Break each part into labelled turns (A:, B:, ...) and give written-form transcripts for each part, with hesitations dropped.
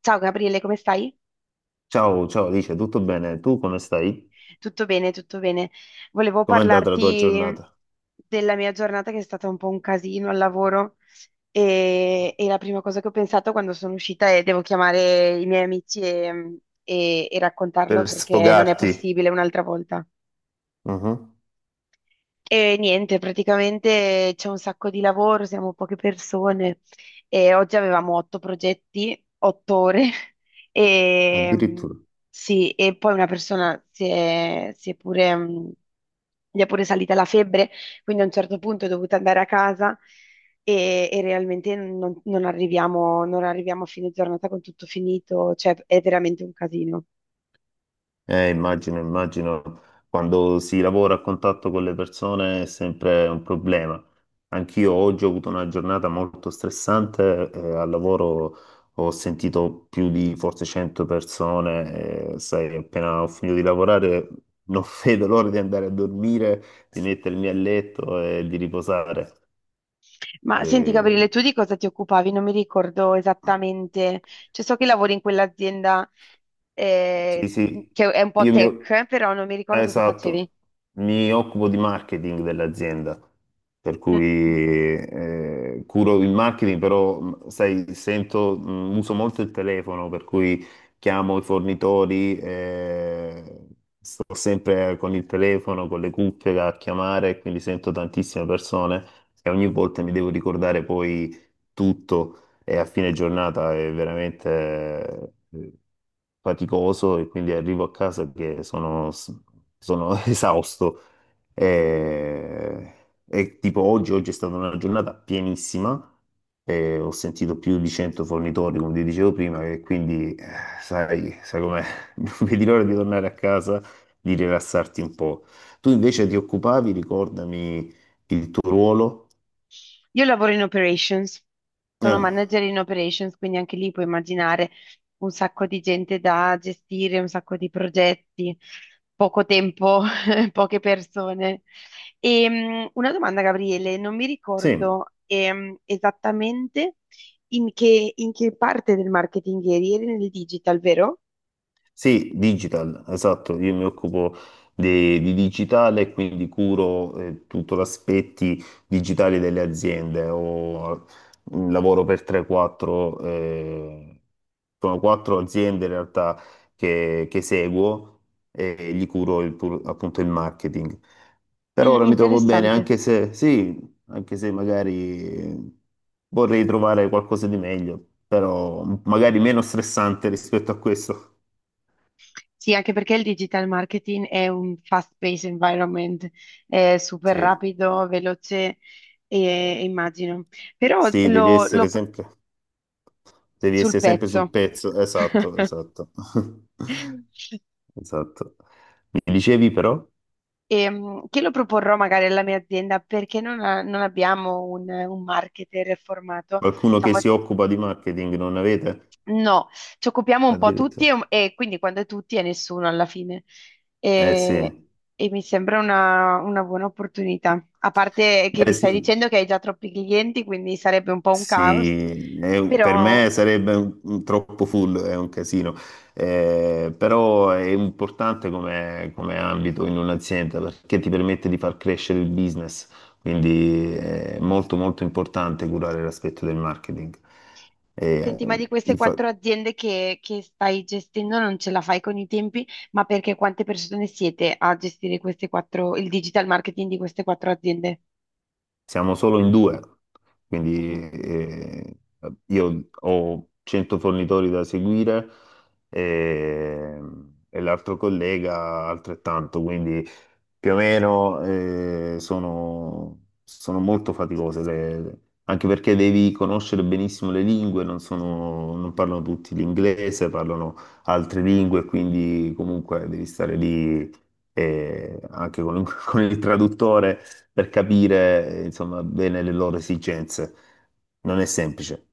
A: Ciao Gabriele, come stai?
B: Ciao, ciao Alice, tutto bene? Tu come stai?
A: Tutto bene, tutto bene. Volevo
B: Com'è andata la tua
A: parlarti
B: giornata?
A: della mia giornata che è stata un po' un casino al lavoro e la prima cosa che ho pensato quando sono uscita è devo chiamare i miei amici e
B: Per
A: raccontarlo perché non è
B: sfogarti.
A: possibile un'altra volta.
B: Mhm.
A: E niente, praticamente c'è un sacco di lavoro, siamo poche persone e oggi avevamo otto progetti, 8 ore e
B: Addirittura.
A: sì, e poi una persona si è pure, gli è pure salita la febbre, quindi a un certo punto è dovuta andare a casa e realmente non arriviamo a fine giornata con tutto finito, cioè è veramente un casino.
B: Immagino, immagino, quando si lavora a contatto con le persone è sempre un problema. Anch'io oggi ho avuto una giornata molto stressante, al lavoro ho sentito più di forse 100 persone, sai, appena ho finito di lavorare non vedo l'ora di andare a dormire, di mettermi a letto e di riposare.
A: Ma senti Gabriele,
B: Eh,
A: tu di cosa ti occupavi? Non mi ricordo esattamente, cioè so che lavori in quell'azienda,
B: Sì,
A: eh,
B: sì,
A: che è un po'
B: io mi...
A: tech, però non mi ricordo cosa facevi.
B: esatto, mi occupo di marketing dell'azienda, per cui
A: Mm.
B: curo il marketing, però sai, sento, uso molto il telefono, per cui chiamo i fornitori, sto sempre con il telefono, con le cuffie a chiamare, quindi sento tantissime persone e ogni volta mi devo ricordare poi tutto e a fine giornata è veramente faticoso e quindi arrivo a casa che sono esausto. Eh, e tipo oggi, oggi è stata una giornata pienissima, ho sentito più di 100 fornitori, come ti dicevo prima, e quindi sai com'è, non vedi l'ora di tornare a casa, di rilassarti un po'. Tu invece ti occupavi, ricordami il tuo ruolo?
A: Io lavoro in operations, sono
B: Eh,
A: manager in operations, quindi anche lì puoi immaginare un sacco di gente da gestire, un sacco di progetti, poco tempo, poche persone. E, una domanda, Gabriele, non mi
B: sì.
A: ricordo esattamente in che parte del marketing eri nel digital, vero?
B: Sì, digital, esatto, io mi occupo di digitale e quindi curo tutto l'aspetto digitale delle aziende. Lavoro per 3-4, sono quattro aziende in realtà che seguo e gli curo appunto il marketing. Per ora
A: Mm,
B: mi trovo bene,
A: interessante.
B: anche se sì, anche se magari vorrei trovare qualcosa di meglio, però magari meno stressante rispetto a questo.
A: Sì, anche perché il digital marketing è un fast-paced environment, è super
B: Sì,
A: rapido, veloce, immagino. Però
B: sì, devi
A: lo, lo
B: essere
A: pro-
B: sempre, devi
A: sul
B: essere sempre sul
A: pezzo.
B: pezzo, esatto, esatto, esatto. Mi dicevi però,
A: Che lo proporrò magari alla mia azienda perché non abbiamo un marketer formato.
B: qualcuno che
A: Diciamo,
B: si occupa di marketing non avete?
A: no, ci occupiamo un po' tutti
B: Addirittura.
A: e quindi quando è tutti è nessuno alla fine.
B: Eh
A: E,
B: sì,
A: e mi sembra una buona opportunità. A parte che
B: beh
A: mi
B: sì.
A: stai dicendo che hai già troppi clienti, quindi sarebbe un po' un caos.
B: Sì, è per
A: Però,
B: me sarebbe un troppo full, è un casino. Però è importante come ambito in un'azienda perché ti permette di far crescere il business, quindi è molto molto importante curare l'aspetto del marketing. E,
A: senti, ma di queste
B: infa-
A: quattro aziende che stai gestendo non ce la fai con i tempi, ma perché quante persone siete a gestire queste quattro, il digital marketing di queste quattro aziende?
B: Siamo solo in due, quindi
A: Mhm.
B: io ho 100 fornitori da seguire e, e l'altro collega altrettanto, quindi più o meno sono molto faticose, anche perché devi conoscere benissimo le lingue, non parlano tutti l'inglese, parlano altre lingue, quindi comunque devi stare lì anche con, con il traduttore per capire insomma, bene le loro esigenze. Non è semplice.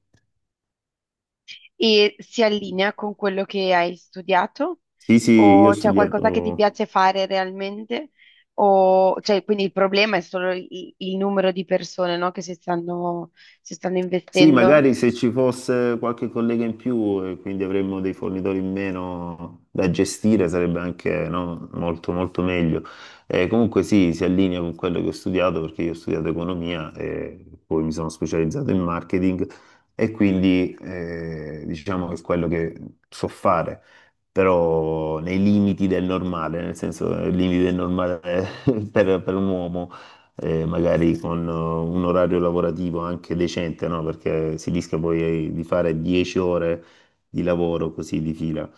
A: E si allinea con quello che hai studiato?
B: Sì, sì, io ho
A: O c'è qualcosa che ti
B: studiato.
A: piace fare realmente? O, cioè, quindi il problema è solo il numero di persone, no, che si stanno
B: Sì,
A: investendo?
B: magari se ci fosse qualche collega in più e quindi avremmo dei fornitori in meno da gestire sarebbe anche no, molto molto meglio. Comunque sì, si allinea con quello che ho studiato perché io ho studiato economia e poi mi sono specializzato in marketing e quindi diciamo che è quello che so fare, però nei limiti del normale, nel senso nei limiti del normale per un uomo magari con un orario lavorativo anche decente, no? Perché si rischia poi di fare 10 ore di lavoro così di fila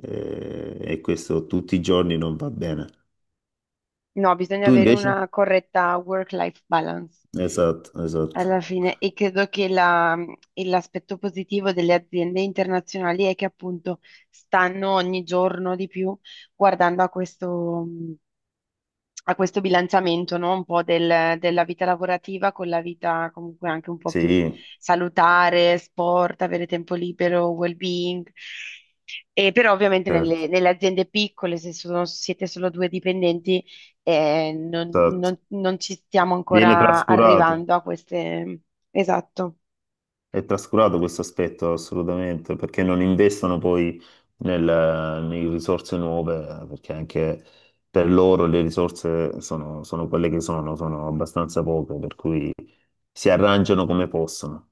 B: e questo tutti i giorni non va bene.
A: No, bisogna
B: Tu
A: avere
B: invece?
A: una corretta work-life balance
B: Esatto, esatto.
A: alla fine e credo che e l'aspetto positivo delle aziende internazionali è che appunto stanno ogni giorno di più guardando a questo bilanciamento, no? Un po' della vita lavorativa con la vita comunque anche un po' più
B: Sì,
A: salutare, sport, avere tempo libero, well-being. E però ovviamente
B: certo,
A: nelle aziende piccole, se siete solo due dipendenti, non,
B: esatto.
A: non- non ci stiamo
B: Viene
A: ancora
B: trascurato.
A: arrivando a queste. Esatto.
B: È trascurato questo aspetto assolutamente, perché non investono poi in risorse nuove, perché anche per loro le risorse sono, sono quelle che sono abbastanza poche, per cui si arrangiano come possono.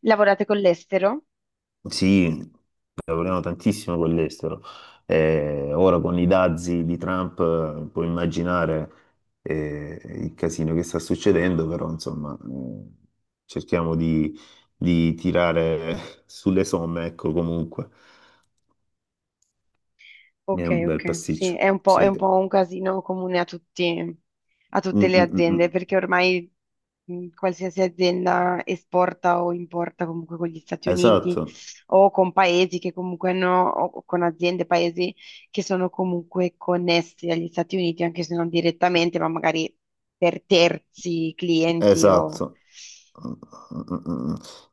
A: Lavorate con l'estero?
B: Sì, lavoriamo tantissimo con l'estero. Ora con i dazi di Trump puoi immaginare il casino che sta succedendo, però insomma cerchiamo di tirare sulle somme, ecco comunque. È
A: Ok,
B: un bel
A: ok, sì,
B: pasticcio.
A: è un po'
B: Sì.
A: un casino comune a a
B: Mm,
A: tutte le
B: mm, mm,
A: aziende,
B: mm.
A: perché ormai qualsiasi azienda esporta o importa comunque con gli Stati Uniti
B: Esatto,
A: o con paesi che comunque hanno, o con aziende, paesi che sono comunque connessi agli Stati Uniti, anche se non direttamente, ma magari per terzi clienti o.
B: esatto.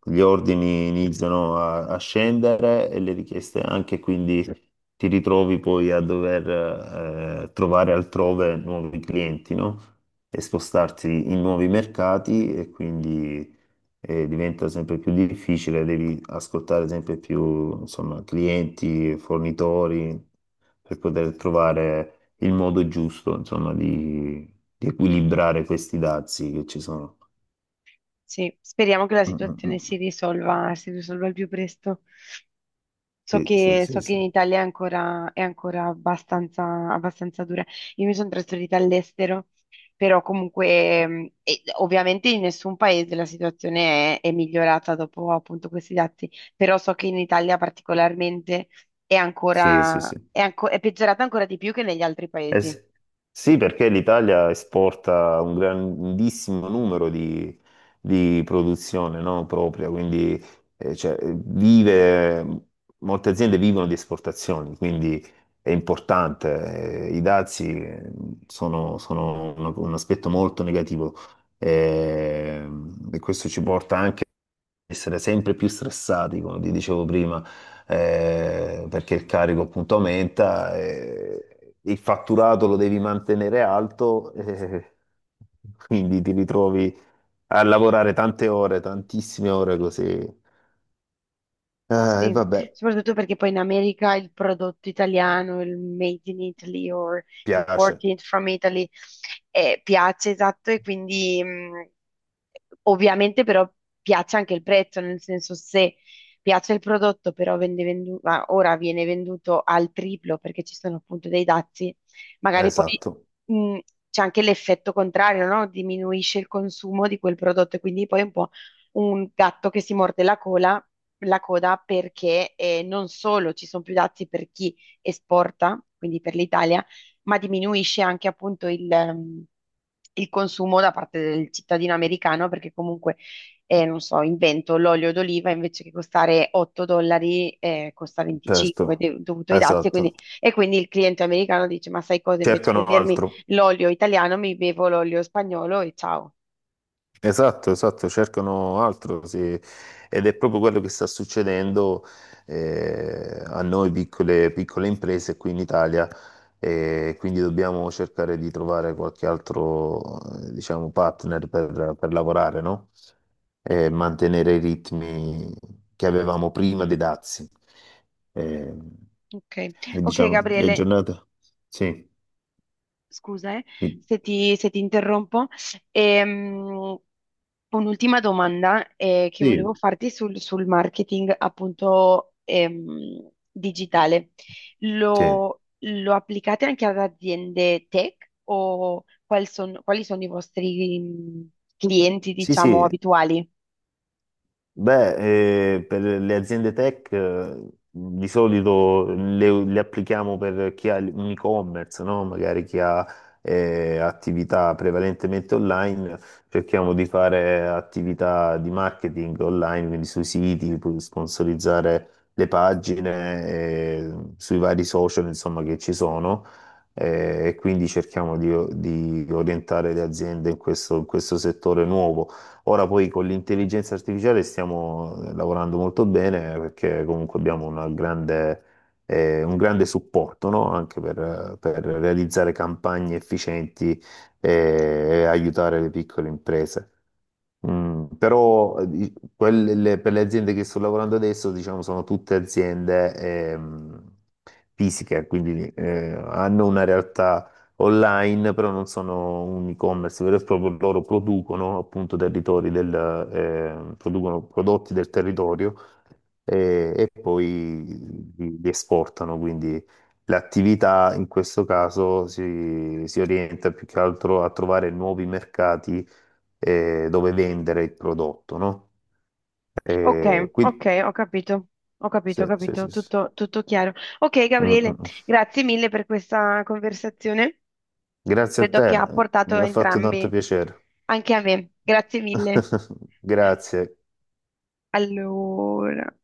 B: Gli ordini iniziano a scendere e le richieste anche, quindi ti ritrovi poi a dover trovare altrove nuovi clienti, no? E spostarti in nuovi mercati e quindi diventa sempre più difficile, devi ascoltare sempre più, insomma, clienti, fornitori per poter trovare il modo giusto, insomma, di equilibrare questi dazi che ci sono.
A: Sì, speriamo che la
B: Mm,
A: situazione
B: mm.
A: si risolva il più presto. So
B: Sì, sì,
A: che,
B: sì,
A: so che
B: sì,
A: in Italia è ancora abbastanza, abbastanza dura. Io mi sono trasferita all'estero, però comunque, e ovviamente in nessun paese la situazione è migliorata dopo appunto questi dati, però so che in Italia particolarmente è
B: sì, sì,
A: ancora,
B: sì.
A: è anco- è peggiorata ancora di più che negli altri
B: Eh
A: paesi.
B: sì. Sì, perché l'Italia esporta un grandissimo numero di produzione, no, propria, quindi cioè, molte aziende vivono di esportazioni, quindi è importante. I dazi sono un aspetto molto negativo eh, e questo ci porta essere sempre più stressati, come ti dicevo prima, perché il carico appunto aumenta, il fatturato lo devi mantenere alto, quindi ti ritrovi a lavorare tante ore, tantissime ore così. E
A: Sì,
B: vabbè,
A: soprattutto perché poi in America il prodotto italiano, il made in Italy or
B: piace,
A: imported from Italy, piace, esatto, e quindi ovviamente però piace anche il prezzo, nel senso se piace il prodotto però ah, ora viene venduto al triplo perché ci sono appunto dei dazi, magari poi
B: esatto,
A: mh, c'è anche l'effetto contrario, no? Diminuisce il consumo di quel prodotto e quindi poi è un po' un gatto che si morde la coda perché non solo ci sono più dazi per chi esporta, quindi per l'Italia, ma diminuisce anche appunto il consumo da parte del cittadino americano perché comunque, non so, invento l'olio d'oliva invece che costare 8 dollari costa 25
B: certo,
A: dovuto ai dazi e quindi,
B: esatto.
A: e quindi il cliente americano dice ma sai cosa invece che
B: Cercano
A: bermi
B: altro.
A: l'olio italiano mi bevo l'olio spagnolo e ciao.
B: Esatto, esatto, cercano altro, sì. Ed è proprio quello che sta succedendo a noi piccole, piccole imprese qui in Italia, e quindi dobbiamo cercare di trovare qualche altro, diciamo, partner per lavorare, no? E mantenere i ritmi che avevamo prima dei dazi. Eh,
A: Ok,
B: e
A: ok,
B: diciamo, le
A: Gabriele.
B: giornate. Sì,
A: Scusa,
B: sì,
A: se ti interrompo. Ehm, un'ultima domanda che volevo
B: sì,
A: farti sul marketing appunto digitale.
B: sì,
A: Lo applicate anche ad aziende tech o quali sono i vostri clienti, diciamo,
B: sì.
A: abituali?
B: Beh, per le aziende tech di solito le applichiamo per chi ha un e-commerce, no? Magari chi ha attività prevalentemente online, cerchiamo di fare attività di marketing online, quindi sui siti, sponsorizzare le pagine, sui vari social, insomma, che ci sono. E quindi cerchiamo di orientare le aziende in questo settore nuovo. Ora poi con l'intelligenza artificiale stiamo lavorando molto bene perché comunque abbiamo un grande supporto, no? Anche per realizzare campagne efficienti eh, e aiutare le piccole imprese. Però per le aziende che sto lavorando adesso, diciamo, sono tutte aziende ehm, fisiche, quindi hanno una realtà online, però non sono un e-commerce vero e proprio, loro producono appunto producono prodotti del territorio e poi li esportano, quindi l'attività in questo caso si orienta più che altro a trovare nuovi mercati dove vendere il prodotto, no?
A: Ok,
B: Quindi,
A: ok, ho capito, ho capito,
B: sì,
A: ho
B: sì,
A: capito,
B: sì, sì.
A: tutto, tutto chiaro. Ok,
B: Mm, mm.
A: Gabriele,
B: Mm.
A: grazie mille per questa conversazione.
B: Grazie a
A: Credo che ha
B: te,
A: portato
B: mi
A: a
B: ha fatto tanto
A: entrambi,
B: piacere.
A: anche a me. Grazie mille.
B: Grazie.
A: Allora.